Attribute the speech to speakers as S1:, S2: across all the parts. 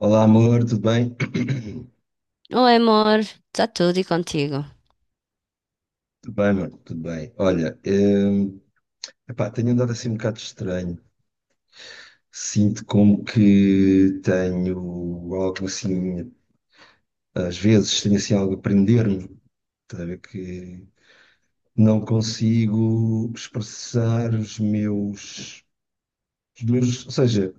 S1: Olá, amor, tudo bem?
S2: Oi, amor, está tudo e contigo?
S1: Tudo bem, mano, tudo bem. Olha, epá, tenho andado assim um bocado estranho. Sinto como que tenho algo assim, às vezes tenho assim algo a prender-me, estás a ver que não consigo expressar os meus, ou seja,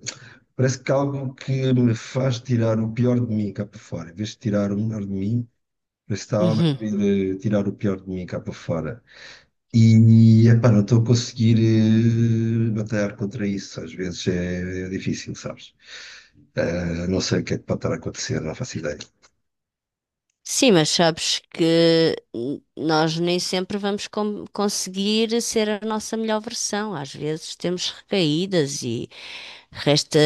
S1: parece que há algo que me faz tirar o pior de mim cá para fora. Em vez de tirar o melhor de mim, parece que está algo a
S2: Uhum.
S1: querer tirar o pior de mim cá para fora. E, epá, não estou a conseguir batalhar contra isso. Às vezes é difícil, sabes? Não sei o que é que pode estar a acontecer, não faço ideia.
S2: Sim, mas sabes que nós nem sempre vamos conseguir ser a nossa melhor versão. Às vezes temos recaídas e resta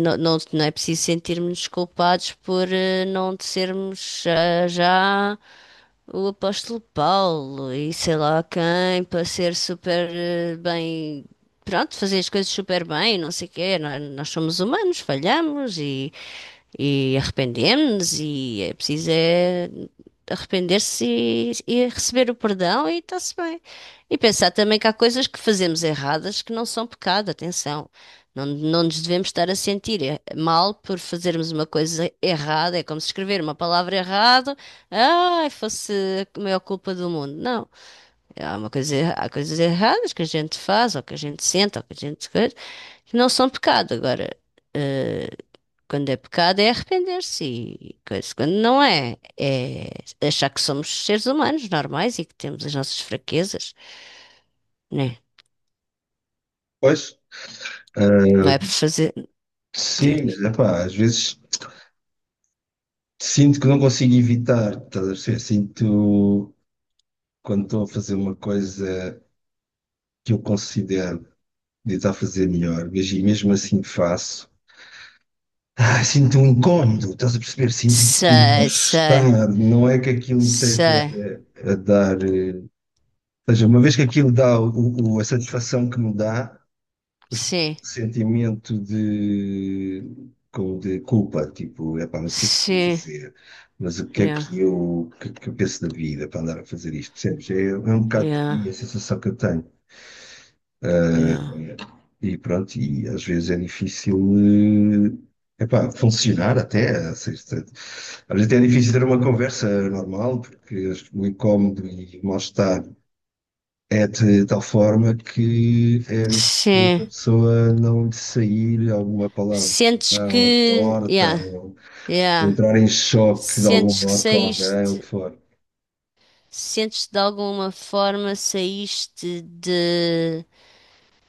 S2: não, não, não é preciso sentirmos culpados por não sermos ah, já. O apóstolo Paulo e sei lá quem para ser super bem, pronto, fazer as coisas super bem, não sei o quê. Nós somos humanos, falhamos e arrependemos-nos e é preciso é arrepender-se e receber o perdão e está-se bem. E pensar também que há coisas que fazemos erradas que não são pecado, atenção. Não, não nos devemos estar a sentir mal por fazermos uma coisa errada. É como se escrever uma palavra errada, ai, fosse a maior culpa do mundo. Não. É, há uma coisa, há coisas erradas que a gente faz, ou que a gente sente, ou que a gente coisa, que não são pecado. Agora, eh, quando é pecado é arrepender-se e coisa. Quando não é, é achar que somos seres humanos normais e que temos as nossas fraquezas, né?
S1: Pois,
S2: Não
S1: eh,
S2: é por fazer. Sim.
S1: sim, mas, epá, às vezes sinto que não consigo evitar, estás a perceber? Sinto quando estou a fazer uma coisa que eu considero de estar a fazer melhor, mas e mesmo assim faço. Ah, sinto um incómodo, estás a perceber? Sinto um
S2: Sei, sei,
S1: mal-estar. Não é que aquilo me esteja
S2: sei.
S1: a dar. Ou seja, uma vez que aquilo dá a satisfação que me dá, o
S2: Sim,
S1: sentimento de, de culpa, tipo, epá, mas o que é que eu vou
S2: sim.
S1: fazer? Mas o que é
S2: Yeah,
S1: que eu, o que, é que eu penso da vida para andar a fazer isto? Percebes? É um bocado por
S2: yeah,
S1: aí a sensação que eu tenho.
S2: yeah.
S1: E pronto, e às vezes é difícil, epá, funcionar até, ou seja, às vezes é difícil ter uma conversa normal, porque acho que o incómodo e o mal-estar é de tal forma que é difícil que
S2: Sim,
S1: a pessoa não lhe sair alguma palavra
S2: sentes
S1: ou
S2: que,
S1: torta,
S2: yeah,
S1: ou
S2: yeah.
S1: entrar em choque de algum
S2: Sentes que
S1: modo com alguém, ou o que
S2: saíste,
S1: for.
S2: sentes que de alguma forma saíste de,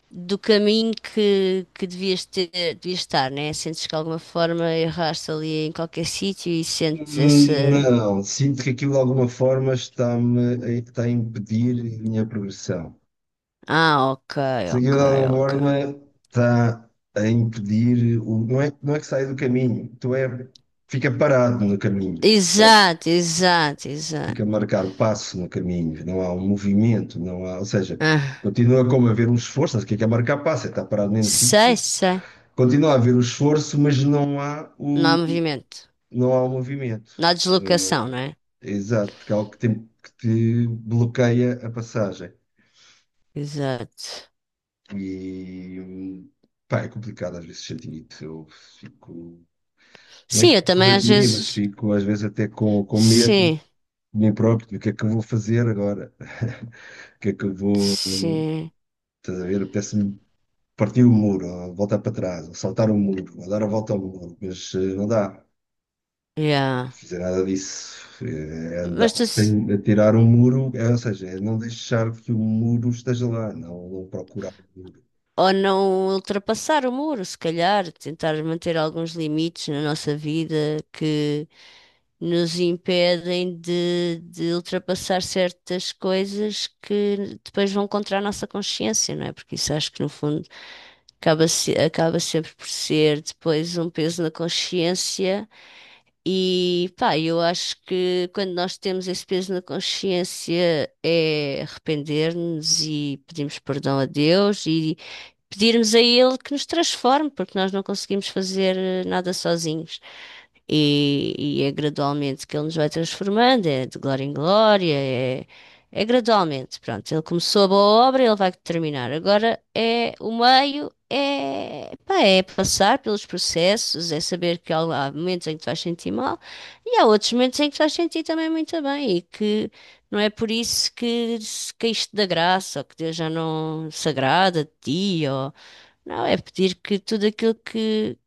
S2: do caminho que devias ter, devias estar, né? Sentes que de alguma forma erraste ali em qualquer sítio e sentes essa,
S1: Não, sinto que aquilo de alguma forma está-me a, está a impedir a minha progressão.
S2: ah, ok,
S1: Se aquilo
S2: ok,
S1: de alguma
S2: ok.
S1: forma está a impedir, o, não é, não é que sai do caminho, tu é, fica parado no caminho.
S2: Exato, exato, exato.
S1: Fica a marcar o passo no caminho, não há um movimento, não há, ou seja,
S2: Ah,
S1: continua como a haver um esforço, não sei o que é marcar passo, é estar parado no mesmo
S2: sei,
S1: sítio,
S2: sei.
S1: continua a haver o esforço, mas não há
S2: Não
S1: o,
S2: há movimento,
S1: não há o movimento.
S2: não há
S1: Eh,
S2: deslocação, não é?
S1: Exato, porque é algo que, que te bloqueia a passagem.
S2: Exato.
S1: E pá, é complicado às vezes sentir isso. Eu fico, não é que
S2: Sim, eu
S1: estou
S2: também
S1: fora de
S2: às
S1: mim, mas
S2: vezes,
S1: fico às vezes até com medo
S2: sim.
S1: de mim próprio, do que é que eu vou fazer agora? O que é que eu vou,
S2: Sim,
S1: estás a ver? Apetece-me partir o muro, ou voltar para trás, ou saltar o muro, ou dar a volta ao muro, mas não dá
S2: yeah.
S1: fazer nada disso. É andar
S2: Mas tu,
S1: sem atirar um muro, é, ou seja, é não deixar que o muro esteja lá, não, não procurar o muro.
S2: ou não ultrapassar o muro, se calhar, tentar manter alguns limites na nossa vida que nos impedem de ultrapassar certas coisas que depois vão contra a nossa consciência, não é? Porque isso acho que no fundo acaba, acaba sempre por ser depois um peso na consciência. E pá, eu acho que quando nós temos esse peso na consciência é arrepender-nos e pedimos perdão a Deus e pedirmos a Ele que nos transforme, porque nós não conseguimos fazer nada sozinhos. E é gradualmente que Ele nos vai transformando, é de glória em glória, é, é gradualmente. Pronto, Ele começou a boa obra, Ele vai terminar. Agora é o meio, é, pá, é passar pelos processos, é saber que há momentos em que tu vais sentir mal e há outros momentos em que tu vais sentir também muito bem e que não é por isso que se caíste da graça ou que Deus já não se agrada de ti ou não, é pedir que tudo aquilo que.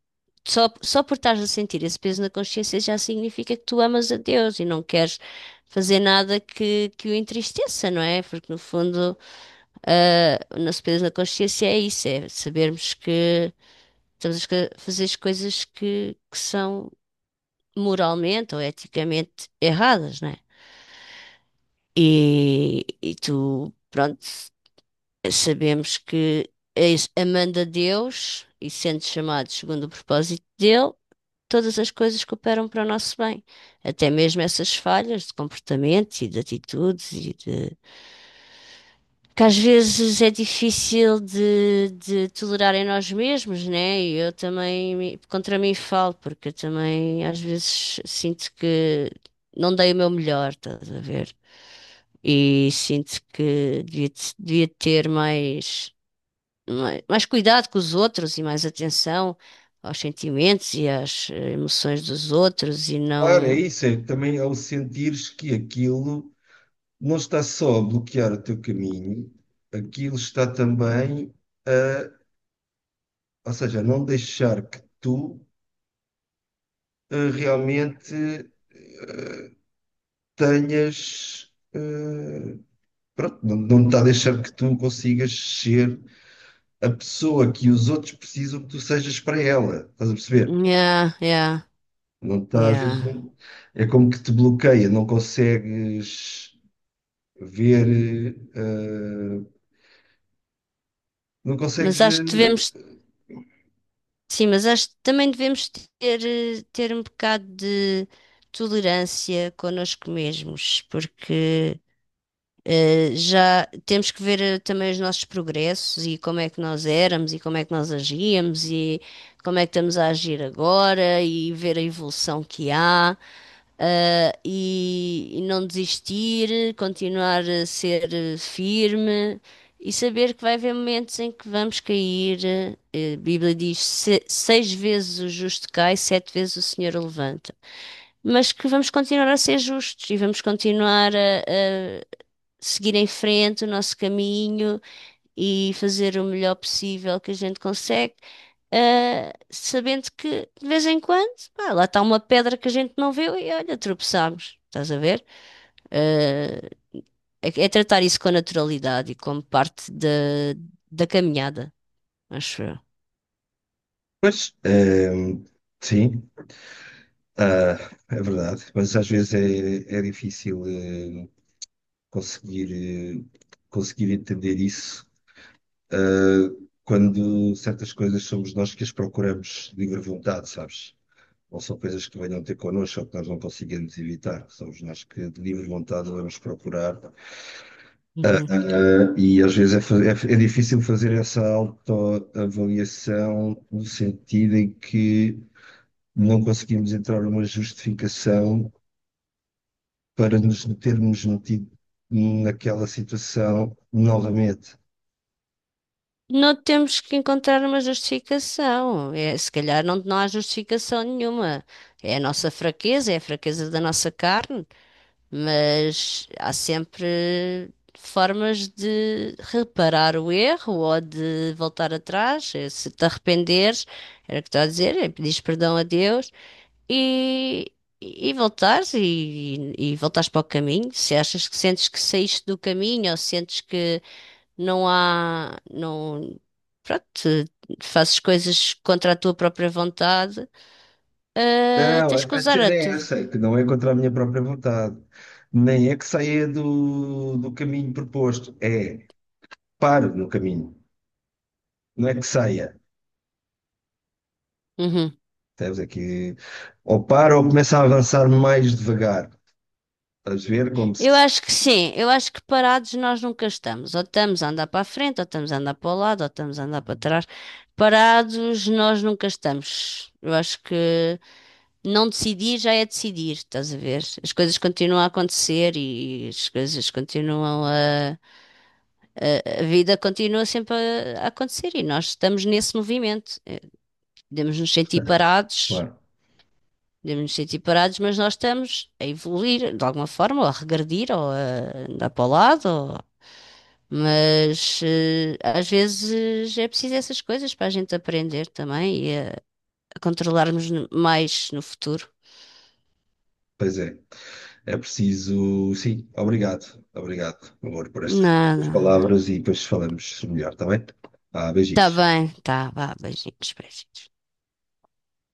S2: Só por estares a sentir esse peso na consciência já significa que tu amas a Deus e não queres fazer nada que, que o entristeça, não é? Porque no fundo, ah, o nosso peso na consciência é isso, é sabermos que estamos a fazer as coisas que são moralmente ou eticamente erradas, não é? E tu, pronto, sabemos que amando a Deus e sendo chamado segundo o propósito dele, todas as coisas que operam para o nosso bem, até mesmo essas falhas de comportamento e de atitudes e de que às vezes é difícil de tolerar em nós mesmos, né? E eu também contra mim falo, porque eu também às vezes sinto que não dei o meu melhor, estás a ver? E sinto que devia, devia ter mais, mais cuidado com os outros e mais atenção aos sentimentos e às emoções dos outros e
S1: Claro, é
S2: não.
S1: isso, é também ao sentires que aquilo não está só a bloquear o teu caminho, aquilo está também a, ou seja, a não deixar que tu realmente tenhas pronto, não, não está a deixar que tu consigas ser a pessoa que os outros precisam que tu sejas para ela. Estás a perceber?
S2: Yeah, yeah,
S1: Não está, às vezes,
S2: yeah.
S1: é como que te bloqueia, não consegues ver, não
S2: Mas
S1: consegues.
S2: acho que devemos, sim, mas acho que também devemos ter, ter um bocado de tolerância connosco mesmos, porque já temos que ver também os nossos progressos e como é que nós éramos e como é que nós agíamos e como é que estamos a agir agora e ver a evolução que há. E, e não desistir, continuar a ser firme e saber que vai haver momentos em que vamos cair. A Bíblia diz: Seis vezes o justo cai, sete vezes o Senhor o levanta." Mas que vamos continuar a ser justos e vamos continuar a seguir em frente o nosso caminho e fazer o melhor possível que a gente consegue, sabendo que de vez em quando, pá, lá está uma pedra que a gente não vê e olha, tropeçamos. Estás a ver? Ah, é, é tratar isso com naturalidade e como parte da, da caminhada, acho eu.
S1: Pois, sim, ah, é verdade, mas às vezes é difícil, conseguir, conseguir entender isso. Quando certas coisas somos nós que as procuramos de livre vontade, sabes? Não são coisas que venham ter connosco ou que nós não conseguimos evitar. Somos nós que de livre vontade vamos procurar.
S2: Uhum.
S1: E às vezes é difícil fazer essa autoavaliação, no sentido em que não conseguimos entrar numa justificação para nos termos metido naquela situação novamente.
S2: Não temos que encontrar uma justificação. É, se calhar não, não há justificação nenhuma. É a nossa fraqueza, é a fraqueza da nossa carne, mas há sempre formas de reparar o erro ou de voltar atrás. Eh, se te arrependeres, era o que estou a dizer, é pedires perdão a Deus e, e voltares e voltares para o caminho. Se achas que sentes que saíste do caminho ou sentes que não há, não, pronto, te- fazes coisas contra a tua própria vontade,
S1: Não, a
S2: tens que
S1: a
S2: usar a
S1: cena é
S2: tua.
S1: essa, é que não é contra a minha própria vontade, nem é que saia do, do caminho proposto, é paro no caminho, não é que saia.
S2: Uhum.
S1: Temos aqui ou paro ou começa a avançar mais devagar, estás a ver como
S2: Eu
S1: se.
S2: acho que sim, eu acho que parados nós nunca estamos. Ou estamos a andar para a frente, ou estamos a andar para o lado, ou estamos a andar para trás. Parados nós nunca estamos. Eu acho que não decidir já é decidir, estás a ver? As coisas continuam a acontecer e as coisas continuam a. A vida continua sempre a acontecer e nós estamos nesse movimento. Podemos nos sentir
S1: Portanto,
S2: parados,
S1: claro,
S2: podemos nos sentir parados, mas nós estamos a evoluir de alguma forma, ou a regredir, ou a andar para o lado, ou mas às vezes é preciso essas coisas para a gente aprender também a controlarmos mais no futuro.
S1: pois é, é preciso, sim. Obrigado, obrigado, amor, por estas
S2: Nada.
S1: palavras e depois falamos melhor, está bem? Ah,
S2: Tá
S1: beijinhos.
S2: bem, tá, vá, beijinhos, beijinhos.